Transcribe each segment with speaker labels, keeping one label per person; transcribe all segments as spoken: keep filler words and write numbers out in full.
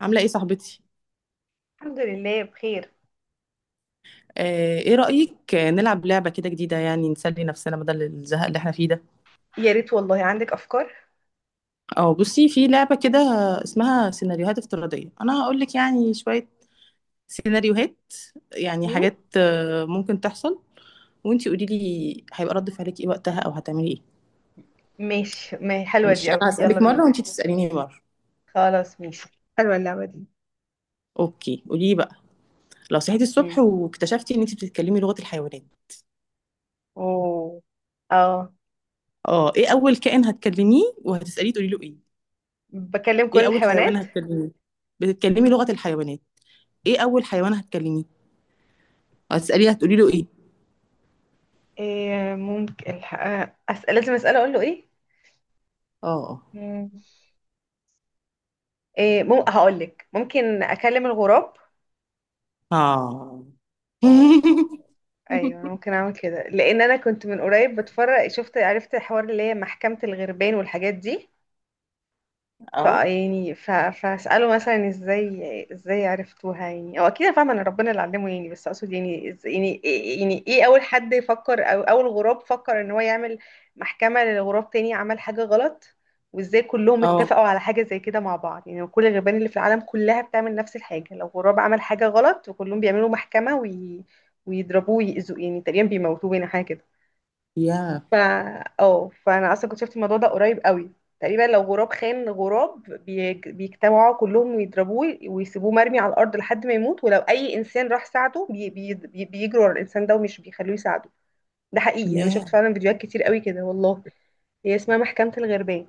Speaker 1: عاملة ايه صاحبتي؟
Speaker 2: الحمد لله بخير.
Speaker 1: آه، ايه رأيك، آه، نلعب لعبة كده جديدة، يعني نسلي نفسنا بدل الزهق اللي احنا فيه ده.
Speaker 2: يا ريت والله، عندك افكار.
Speaker 1: اه، بصي في لعبة كده اسمها سيناريوهات افتراضية. انا هقول لك يعني شوية سيناريوهات، يعني
Speaker 2: مم؟
Speaker 1: حاجات آه، ممكن تحصل، وانتي قولي لي هيبقى رد فعلك ايه وقتها او هتعملي ايه.
Speaker 2: ماشي، ما حلوه
Speaker 1: مش
Speaker 2: دي قوي،
Speaker 1: انا
Speaker 2: يلا
Speaker 1: هسألك
Speaker 2: بينا.
Speaker 1: مرة وانتي تسأليني مرة.
Speaker 2: خلاص ماشي. حلوة اللعبة دي.
Speaker 1: اوكي قولي لي بقى. لو صحيتي الصبح
Speaker 2: امم
Speaker 1: واكتشفتي ان انتي بتتكلمي لغة الحيوانات،
Speaker 2: اوه، اه،
Speaker 1: اه ايه اول كائن هتكلميه وهتسأليه تقولي له ايه؟
Speaker 2: بكلم كل
Speaker 1: ايه اول حيوان
Speaker 2: الحيوانات.
Speaker 1: هتكلميه؟ بتتكلمي لغة الحيوانات، ايه اول حيوان هتكلميه؟ هتسأليه هتقولي له ايه؟
Speaker 2: إيه، ممكن الح... آه، اسال، لازم اساله اقول له ايه؟
Speaker 1: اه.
Speaker 2: مم. إيه، مم... هقول لك ممكن اكلم الغراب
Speaker 1: اه.
Speaker 2: او ايوه، انا ممكن اعمل كده لان انا كنت من قريب بتفرج، شفت عرفت الحوار اللي هي محكمة الغربان والحاجات دي. ف
Speaker 1: اه.
Speaker 2: يعني ف... فاساله مثلا ازاي ازاي عرفتوها، يعني او اكيد أنا فاهمه ان ربنا اللي علمه يعني، بس اقصد يعني إز... يعني إيه- يعني ايه اول حد يفكر او اول غراب فكر ان هو يعمل محكمه لغراب تاني عمل حاجه غلط. وازاي كلهم
Speaker 1: اه.
Speaker 2: اتفقوا على حاجه زي كده مع بعض، يعني كل الغربان اللي في العالم كلها بتعمل نفس الحاجه، لو غراب عمل حاجه غلط وكلهم بيعملوا محكمه وي... ويضربوه ويأذوه، يعني تقريبا بيموتوه، يعني حاجه كده.
Speaker 1: يا.
Speaker 2: ف اه، فانا اصلا كنت شفت الموضوع ده قريب قوي. تقريبا لو غراب خان غراب بيج- بيجتمعوا كلهم ويضربوه ويسيبوه مرمي على الارض لحد ما يموت، ولو اي انسان راح ساعده بي بي بي- بيجروا على الانسان ده ومش بيخلوه يساعده. ده حقيقي، انا شفت
Speaker 1: يا.
Speaker 2: فعلا فيديوهات كتير قوي كده والله. هي اسمها محكمة الغربان.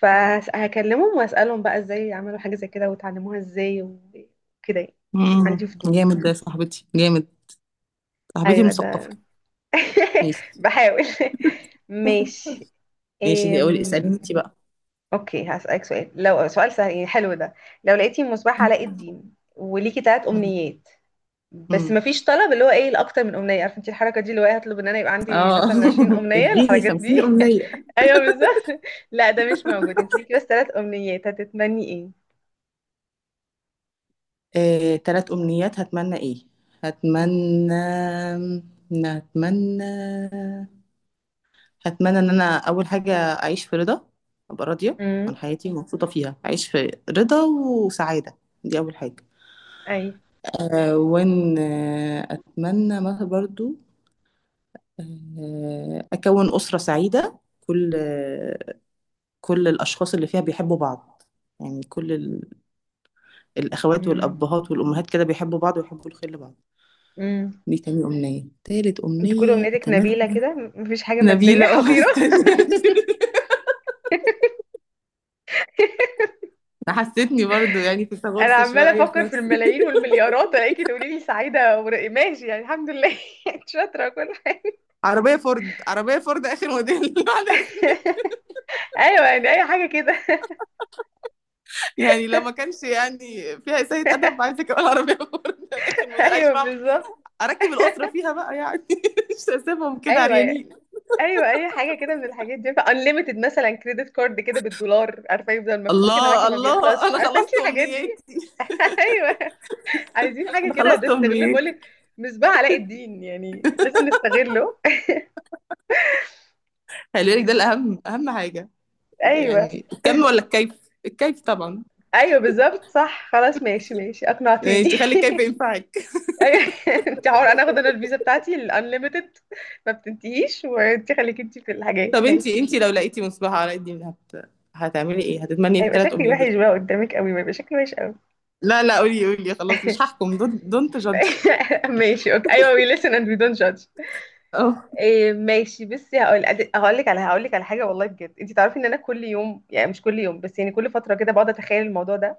Speaker 2: فهكلمهم واسالهم بقى ازاي عملوا حاجة زي كده وتعلموها ازاي وكده يعني.
Speaker 1: مم.
Speaker 2: عندي فضول.
Speaker 1: جامد ده يا صاحبتي، جامد. صاحبتي
Speaker 2: ايوه
Speaker 1: مثقفة.
Speaker 2: ده.
Speaker 1: ماشي.
Speaker 2: بحاول. ماشي.
Speaker 1: ماشي، اقول اسأليني انت بقى.
Speaker 2: اوكي، هسألك سؤال، لو سؤال سهل يعني، حلو ده. لو لقيتي مصباح علاء الدين وليكي تلات
Speaker 1: مم.
Speaker 2: امنيات، بس
Speaker 1: مم.
Speaker 2: مفيش طلب اللي هو ايه الاكتر من امنيه، عارفه انت الحركه دي اللي هو إيه، هطلب ان انا يبقى عندي
Speaker 1: اه.
Speaker 2: مثلا عشرين امنيه،
Speaker 1: اديني
Speaker 2: الحركات دي.
Speaker 1: خمسين أمنية.
Speaker 2: ايوه بالظبط. لا ده مش موجود، انت ليكي بس تلات امنيات، هتتمني ايه؟
Speaker 1: آه، تلات أمنيات هتمنى ايه.
Speaker 2: مم.
Speaker 1: هتمنى، هتمنى، هتمنى ان انا اول حاجه اعيش في رضا، ابقى راضيه عن
Speaker 2: امم.
Speaker 1: حياتي ومبسوطه فيها، اعيش في رضا وسعاده. دي اول حاجه.
Speaker 2: اي.
Speaker 1: أه، وان آه، اتمنى ما برضو أه اكون اسره سعيده. كل آه، كل الاشخاص اللي فيها بيحبوا بعض، يعني كل ال- الاخوات
Speaker 2: مم.
Speaker 1: والابهات والامهات كده بيحبوا بعض ويحبوا الخير لبعض.
Speaker 2: مم. امم.
Speaker 1: دي تاني امنيه. تالت
Speaker 2: انت كل
Speaker 1: امنيه
Speaker 2: امنيتك نبيله
Speaker 1: اتمنى.
Speaker 2: كده، مفيش حاجه ماديه
Speaker 1: نبيله، اه،
Speaker 2: حقيره.
Speaker 1: مستنيه. حسيتني برضو يعني في
Speaker 2: انا
Speaker 1: تغرس
Speaker 2: عماله
Speaker 1: شويه في
Speaker 2: افكر في
Speaker 1: نفسي.
Speaker 2: الملايين والمليارات، الاقيكي تقولي لي سعيده ور- ماشي، يعني الحمد لله. انت شاطره كل حاجه.
Speaker 1: عربية فورد عربية فورد آخر موديل، بعد إذنك.
Speaker 2: ايوه يعني، اي حاجه كده.
Speaker 1: يعني لو ما كانش يعني فيها إساءة أدب، عايزة كمان عربية فورد آخر موديل، أعيش
Speaker 2: ايوه
Speaker 1: معاهم.
Speaker 2: بالظبط.
Speaker 1: أركب الأسرة فيها بقى يعني، مش هسيبهم كده
Speaker 2: ايوه
Speaker 1: عريانين.
Speaker 2: ايوه، اي حاجه كده من الحاجات دي، انليمتد مثلا، كريدت كارد كده بالدولار، عارفه، يفضل مفتوح كده معاكي
Speaker 1: الله،
Speaker 2: ما
Speaker 1: الله،
Speaker 2: بيخلصش،
Speaker 1: أنا
Speaker 2: عارفه انت
Speaker 1: خلصت
Speaker 2: الحاجات دي.
Speaker 1: أمنياتي.
Speaker 2: ايوه، عايزين حاجه
Speaker 1: أنا
Speaker 2: كده، ده
Speaker 1: خلصت
Speaker 2: استغلال بقول
Speaker 1: أمنياتي.
Speaker 2: لك. مصباح علاء الدين يعني لازم نستغله.
Speaker 1: خلي بالك ده الأهم، أهم حاجة،
Speaker 2: ايوه.
Speaker 1: يعني الكم ولا الكيف؟ الكيف طبعا.
Speaker 2: ايوه بالظبط صح، خلاص ماشي ماشي، اقنعتيني.
Speaker 1: ماشي، خلي الكيف ينفعك.
Speaker 2: انت عمر انا اخد انا الفيزا بتاعتي الانليمتد، ما بتنتهيش، وانت خليك انت في الحاجات،
Speaker 1: طب
Speaker 2: ماشي.
Speaker 1: انتي، انتي لو لقيتي مصباح علاء الدين هت... هتعملي ايه؟ هتتمني
Speaker 2: هيبقى
Speaker 1: الثلاث
Speaker 2: شكلي
Speaker 1: امنيات دول؟
Speaker 2: وحش بقى قدامك قوي، ما يبقى شكلي وحش قوي.
Speaker 1: لا لا، قولي قولي، خلاص مش هحكم. دونت جادج.
Speaker 2: ماشي اوكي ايوه، we listen and we don't judge. إيه، ماشي بس هقول، هقول لك على، هقول لك على حاجه والله بجد، انت تعرفي ان انا كل يوم، يعني مش كل يوم بس، يعني كل فتره كده بقعد اتخيل الموضوع ده،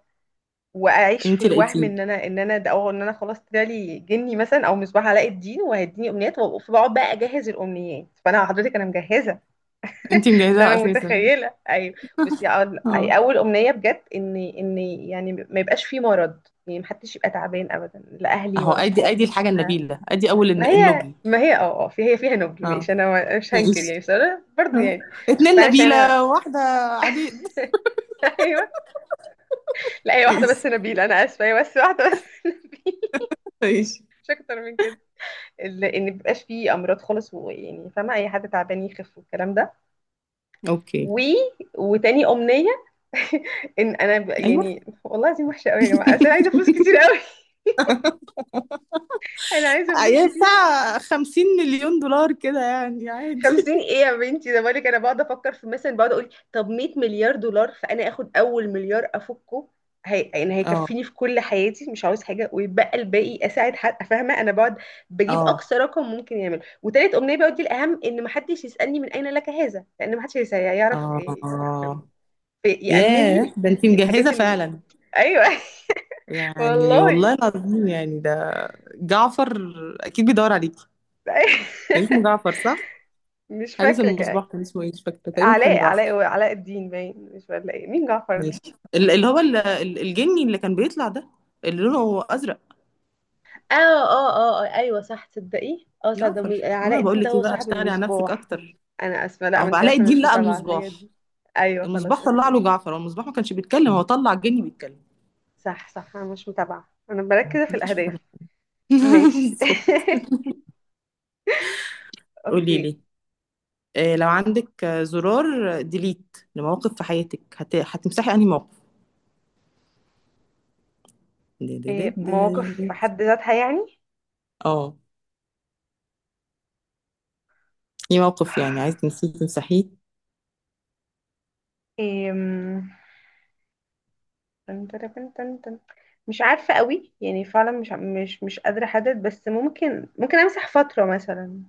Speaker 2: واعيش في
Speaker 1: انت
Speaker 2: الوهم
Speaker 1: لقيتيه.
Speaker 2: ان انا ان انا ده، او ان انا خلاص طلعلي جني مثلا او مصباح علاء الدين، وهيديني امنيات، وبقعد بقى اجهز الامنيات، فانا حضرتك انا مجهزه.
Speaker 1: انت
Speaker 2: عشان
Speaker 1: مجهزاها
Speaker 2: انا
Speaker 1: اساسا.
Speaker 2: متخيله. ايوه، بس هي
Speaker 1: اه،
Speaker 2: اول امنيه بجد، ان ان يعني ما يبقاش في مرض، يعني محدش يبقى تعبان ابدا، لا اهلي
Speaker 1: اهو،
Speaker 2: ولا
Speaker 1: ادي
Speaker 2: صحابي
Speaker 1: ادي
Speaker 2: ولا
Speaker 1: الحاجه
Speaker 2: انا.
Speaker 1: النبيله، ادي اول الن-
Speaker 2: ما هي
Speaker 1: النبل.
Speaker 2: ما هي اه اه، في هي فيها نبل،
Speaker 1: اه.
Speaker 2: ماشي، انا ما- مش هنكر
Speaker 1: ماشي.
Speaker 2: يعني، بس انا برضه
Speaker 1: آه.
Speaker 2: يعني،
Speaker 1: اتنين
Speaker 2: فانا عشان انا.
Speaker 1: نبيله واحده. عبيد.
Speaker 2: ايوه، لا هي واحده بس
Speaker 1: ماشي.
Speaker 2: نبيل، انا اسفه هي بس واحده بس.
Speaker 1: ماشي.
Speaker 2: مش اكتر من كده. ال- ان مبيبقاش فيه امراض خالص، ويعني فاهمه اي حد تعبان يخف والكلام ده.
Speaker 1: اوكي.
Speaker 2: و... وتاني امنيه، ان انا ب...
Speaker 1: ايوه.
Speaker 2: يعني والله دي وحشه قوي يا جماعه، بس انا عايزه فلوس كتير قوي. انا عايزه فلوس
Speaker 1: ايوه،
Speaker 2: كتير.
Speaker 1: بتاع خمسين مليون دولار كده يعني عادي.
Speaker 2: خمسين ايه يا بنتي، ده بالك انا بقعد افكر في مثلا، بقعد اقول طب مئة مليار دولار، فانا اخد اول مليار افكه، هي... يعني
Speaker 1: اه.
Speaker 2: هيكفيني في كل حياتي، مش عاوز حاجه، ويتبقى الباقي اساعد حد، فاهمه، انا بقعد بجيب
Speaker 1: اه.
Speaker 2: اقصى رقم ممكن يعمل. وتالت امنيه بقى، ودي الاهم، ان محدش يسالني من اين لك هذا، لان محدش هيس- هيعرف يفهم،
Speaker 1: اه.
Speaker 2: يامن لي
Speaker 1: ياه، ده انت
Speaker 2: الحاجات
Speaker 1: مجهزه
Speaker 2: ال...
Speaker 1: فعلا.
Speaker 2: ايوه،
Speaker 1: يعني
Speaker 2: والله.
Speaker 1: والله العظيم يعني ده. جعفر اكيد بيدور عليكي. كان اسمه جعفر، صح؟
Speaker 2: مش
Speaker 1: حارس
Speaker 2: فاكرة
Speaker 1: المصباح
Speaker 2: كده.
Speaker 1: كان اسمه ايه، مش فاكره، تقريبا كان
Speaker 2: علاء علاء
Speaker 1: جعفر.
Speaker 2: علاء الدين، باين مش ولا ايه، مين جعفر ده؟
Speaker 1: ماشي ال- اللي هو ال- ال- الجني اللي كان بيطلع ده، اللي لونه ازرق.
Speaker 2: اه اه اه آه، ايوه صح، تصدقي اه صح، ده مز-
Speaker 1: جعفر.
Speaker 2: علاء
Speaker 1: انا
Speaker 2: الدين
Speaker 1: بقول
Speaker 2: ده
Speaker 1: لك
Speaker 2: هو
Speaker 1: ايه بقى،
Speaker 2: صاحب
Speaker 1: اشتغلي على نفسك
Speaker 2: المصباح.
Speaker 1: اكتر.
Speaker 2: انا اسفه، لا، ما
Speaker 1: او
Speaker 2: انت
Speaker 1: علاء
Speaker 2: عارفه انا
Speaker 1: الدين
Speaker 2: مش
Speaker 1: لقى
Speaker 2: متابعه على الحاجات
Speaker 1: المصباح.
Speaker 2: دي. ايوه خلاص
Speaker 1: المصباح طلع
Speaker 2: اوكي.
Speaker 1: له جعفر، هو المصباح ما كانش بيتكلم، هو طلع الجني بيتكلم.
Speaker 2: صح صح، انا مش متابعه، انا مركزه في
Speaker 1: مفيش مفاجأة.
Speaker 2: الاهداف. ماشي.
Speaker 1: بالظبط. قولي
Speaker 2: اوكي.
Speaker 1: لي، آه، لو عندك آه، زرار ديليت لمواقف في حياتك، هت... هتمسحي انهي موقف؟ دي دي دي
Speaker 2: إيه، مواقف
Speaker 1: دي.
Speaker 2: في حد ذاتها يعني؟
Speaker 1: اه، ايه موقف يعني عايز تنسيه تمسحيه؟
Speaker 2: إيه، تن تن تن تن تن. مش عارفة قوي يعني، فعلا مش مش مش قادرة احدد، بس ممكن ممكن امسح فترة مثلا،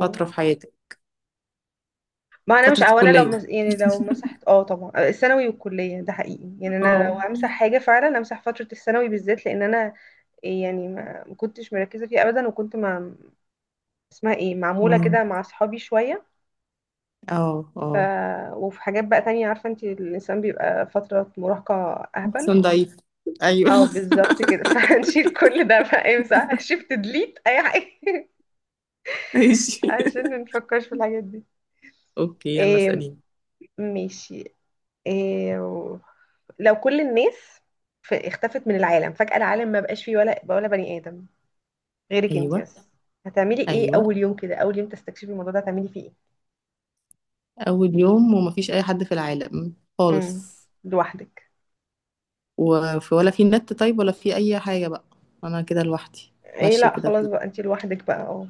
Speaker 1: فترة في حياتك.
Speaker 2: ما انا مش
Speaker 1: فترة
Speaker 2: او انا لو مس...
Speaker 1: الكلية.
Speaker 2: يعني لو مسحت اه طبعا، آه، الثانوي والكلية، ده حقيقي يعني، انا لو
Speaker 1: اه.
Speaker 2: همسح حاجة فعلا امسح فترة الثانوي بالذات، لان انا يعني ما ما كنتش مركزة فيها ابدا، وكنت مع اسمها ايه، معمولة
Speaker 1: مم.
Speaker 2: كده مع اصحابي شوية.
Speaker 1: اه.
Speaker 2: ف...
Speaker 1: اه.
Speaker 2: وفي حاجات بقى تانية، عارفة انت الانسان بيبقى فترة مراهقة اهبل،
Speaker 1: احسن، ضعيف. ايوه.
Speaker 2: اه بالظبط كده. فهنشيل كل ده بقى، امسح شيفت ديليت اي حاجه.
Speaker 1: ماشي.
Speaker 2: عشان ما نفكرش في الحاجات دي.
Speaker 1: اوكي يلا
Speaker 2: إيه
Speaker 1: اساليني.
Speaker 2: ماشي. إيه و- لو كل الناس ف- اختفت من العالم فجأة، العالم ما بقاش فيه ولا ولا بني آدم غيرك انت
Speaker 1: ايوه.
Speaker 2: بس، هتعملي ايه
Speaker 1: ايوه،
Speaker 2: اول يوم كده، اول يوم تستكشفي الموضوع ده هتعملي فيه ايه؟
Speaker 1: اول يوم ومفيش اي حد في العالم
Speaker 2: امم،
Speaker 1: خالص،
Speaker 2: لوحدك.
Speaker 1: وفي ولا في نت طيب، ولا في اي حاجه بقى؟ انا كده لوحدي
Speaker 2: ايه
Speaker 1: ماشيه
Speaker 2: لا
Speaker 1: كده
Speaker 2: خلاص
Speaker 1: في،
Speaker 2: بقى، انت لوحدك بقى اه.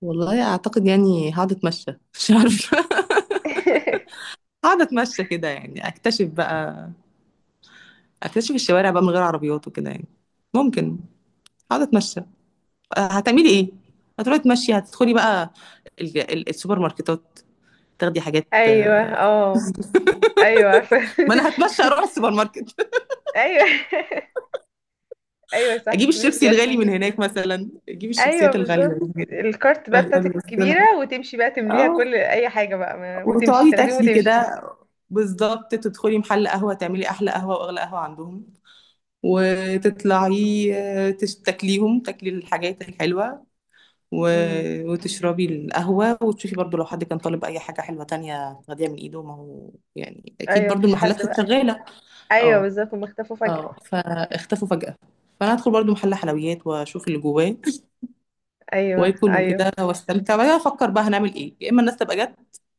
Speaker 1: والله اعتقد يعني هقعد اتمشى، مش عارفه. هقعد اتمشى كده، يعني اكتشف بقى، اكتشف الشوارع بقى من غير عربيات وكده يعني. ممكن. هقعد اتمشى. أه، هتعملي
Speaker 2: مم.
Speaker 1: ايه؟ هتروحي تمشي، هتدخلي بقى ال- ال- السوبر ماركتات، تاخدي حاجات.
Speaker 2: ايوه اه. ايوه عارفه.
Speaker 1: ما انا هتمشى اروح السوبر ماركت،
Speaker 2: ايوه. ايوه صح
Speaker 1: اجيب
Speaker 2: ماشي
Speaker 1: الشيبسي الغالي
Speaker 2: عارفه.
Speaker 1: من هناك، مثلا اجيب
Speaker 2: ايوه
Speaker 1: الشيبسيات الغاليه من
Speaker 2: بالظبط،
Speaker 1: هناك.
Speaker 2: الكارت بقى
Speaker 1: بعدين
Speaker 2: بتاعتك
Speaker 1: أبص
Speaker 2: الكبيره،
Speaker 1: لها.
Speaker 2: وتمشي بقى تمليها
Speaker 1: اه،
Speaker 2: كل اي حاجه بقى، ما- وتمشي
Speaker 1: وتقعدي
Speaker 2: تاخديهم
Speaker 1: تاكلي
Speaker 2: وتمشي.
Speaker 1: كده. بالظبط، تدخلي محل قهوه، تعملي احلى قهوه واغلى قهوه عندهم، وتطلعي. آه، تش- تاكليهم، تاكلي الحاجات الحلوه،
Speaker 2: امم.
Speaker 1: و- وتشربي القهوه، وتشوفي برضو لو حد كان طالب اي حاجه حلوه تانية تاخديها من ايده، ما هو يعني اكيد
Speaker 2: ايوه
Speaker 1: برضو
Speaker 2: مفيش
Speaker 1: المحلات
Speaker 2: حد
Speaker 1: كانت
Speaker 2: بقى.
Speaker 1: شغاله.
Speaker 2: ايوه
Speaker 1: اه.
Speaker 2: بالظبط، هم اختفوا فجاه.
Speaker 1: اه، فاختفوا فجاه. فانا هدخل برضو محل حلويات واشوف اللي جواه،
Speaker 2: ايوه
Speaker 1: واكل
Speaker 2: ايوه.
Speaker 1: وكده واستمتع، وبعدين افكر بقى هنعمل ايه، يا اما الناس تبقى جت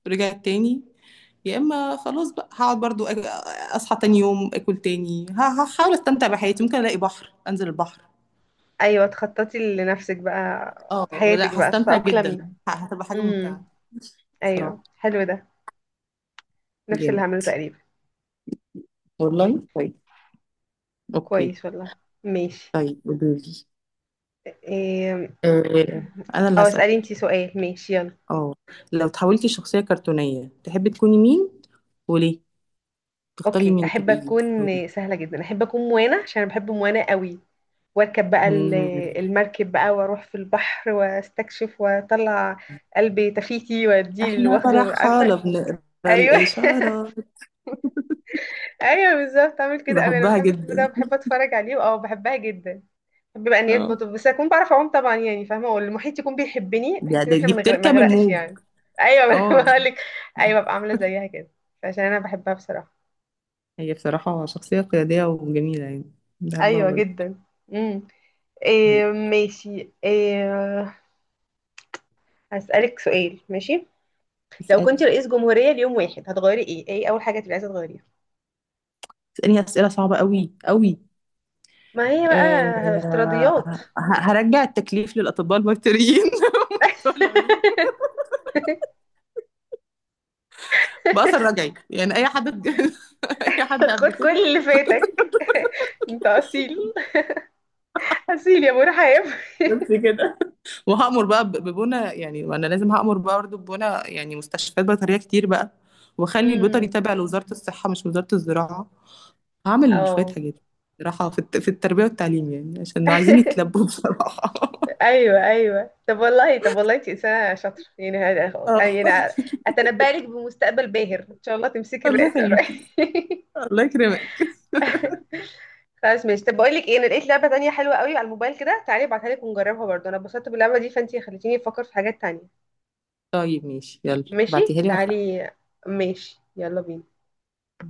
Speaker 1: رجعت تاني، يا اما خلاص بقى هقعد برضو أج- اصحى تاني يوم اكل تاني، ه- هحاول استمتع بحياتي، ممكن الاقي بحر انزل البحر.
Speaker 2: ايوه تخططي لنفسك بقى،
Speaker 1: اه،
Speaker 2: حياتك
Speaker 1: لا
Speaker 2: بقى
Speaker 1: هستمتع جدا.
Speaker 2: تتاقلمي.
Speaker 1: ه- هتبقى حاجه
Speaker 2: امم،
Speaker 1: ممتعه
Speaker 2: ايوه
Speaker 1: بصراحه.
Speaker 2: حلو ده. نفس اللي هعمله
Speaker 1: جامد.
Speaker 2: تقريبا.
Speaker 1: والله طيب. اوكي.
Speaker 2: كويس والله. ماشي.
Speaker 1: طيب قولي.
Speaker 2: إيه...
Speaker 1: آه انا اللي
Speaker 2: اه
Speaker 1: هسأل.
Speaker 2: اسالي انتي سؤال، ماشي يلا.
Speaker 1: اه، لو تحولتي شخصيه كرتونيه، تحبي تكوني مين وليه؟ تختاري
Speaker 2: اوكي،
Speaker 1: مين
Speaker 2: احب
Speaker 1: تبقي؟
Speaker 2: اكون سهله جدا، احب اكون موانا، عشان انا بحب موانا قوي، واركب بقى ال- المركب بقى واروح في البحر واستكشف واطلع، قلبي تفيتي واديه اللي
Speaker 1: احنا
Speaker 2: واخده
Speaker 1: رحالة
Speaker 2: عارفه.
Speaker 1: بنقرا
Speaker 2: ايوه
Speaker 1: الإشارات.
Speaker 2: ايوه بالظبط، اعمل كده أوي. انا
Speaker 1: بحبها
Speaker 2: بحب الفيلم ده،
Speaker 1: جدا.
Speaker 2: بحب اتفرج عليه، اه بحبها جدا. بحب بقى نيات
Speaker 1: اه،
Speaker 2: مطب، بس اكون بعرف اعوم طبعا يعني، فاهمه، والمحيط يكون بيحبني،
Speaker 1: ده
Speaker 2: بحيث ان
Speaker 1: ده-
Speaker 2: احنا
Speaker 1: دي
Speaker 2: ما نغرق- ما
Speaker 1: بتركب
Speaker 2: نغرقش
Speaker 1: الموج.
Speaker 2: يعني. ايوه، ما انا
Speaker 1: اه.
Speaker 2: بقول لك. ايوه، ببقى عامله زيها كده، عشان انا بحبها بصراحه.
Speaker 1: هي بصراحة شخصية قيادية وجميلة يعني، بحبها
Speaker 2: ايوه
Speaker 1: برضه.
Speaker 2: جدا. امم. إيه
Speaker 1: طيب
Speaker 2: ماشي، إيه هسألك سؤال ماشي. لو
Speaker 1: اسألي.
Speaker 2: كنت رئيس جمهورية ليوم واحد، هتغيري ايه، ايه اول حاجة تبقي عايزة تغيريها؟
Speaker 1: اسألني أسئلة صعبة قوي قوي.
Speaker 2: ما هي بقى
Speaker 1: أه،
Speaker 2: افتراضيات.
Speaker 1: ه- هرجع التكليف للأطباء البيطريين، بتوع العلوم، بأثر رجعي، يعني أي حد اتج- أي حد قبل
Speaker 2: خد كل
Speaker 1: كده.
Speaker 2: اللي فاتك. انت اصيل، اصيل يا مرحب.
Speaker 1: بس كده. وهأمر بقى ب- ببنى يعني، وانا لازم هأمر بقى برضه ببنى يعني مستشفيات بيطرية كتير بقى، واخلي البيطري
Speaker 2: امم،
Speaker 1: تابع لوزارة الصحة مش وزارة الزراعة. هعمل شوية
Speaker 2: اه.
Speaker 1: حاجات صراحة في الت- في التربية والتعليم، يعني عشان عايزين يتلبوا بصراحة.
Speaker 2: ايوه ايوه، طب والله طب والله انت انسانه شاطره يعني، هذا
Speaker 1: آه.
Speaker 2: يعني اتنبأ لك بمستقبل باهر ان شاء الله، تمسكي
Speaker 1: الله
Speaker 2: الرئاسه
Speaker 1: يخليكي.
Speaker 2: قريب.
Speaker 1: الله يكرمك.
Speaker 2: خلاص ماشي، طب بقول لك ايه، انا لقيت لعبه تانية حلوه قوي على الموبايل كده، تعالي ابعتها لك ونجربها برضه، انا اتبسطت باللعبه دي، فانتي خليتيني افكر في حاجات تانية.
Speaker 1: طيب ماشي، يلا
Speaker 2: ماشي
Speaker 1: بعتيها لي وأفرح.
Speaker 2: تعالي. ماشي يلا بينا.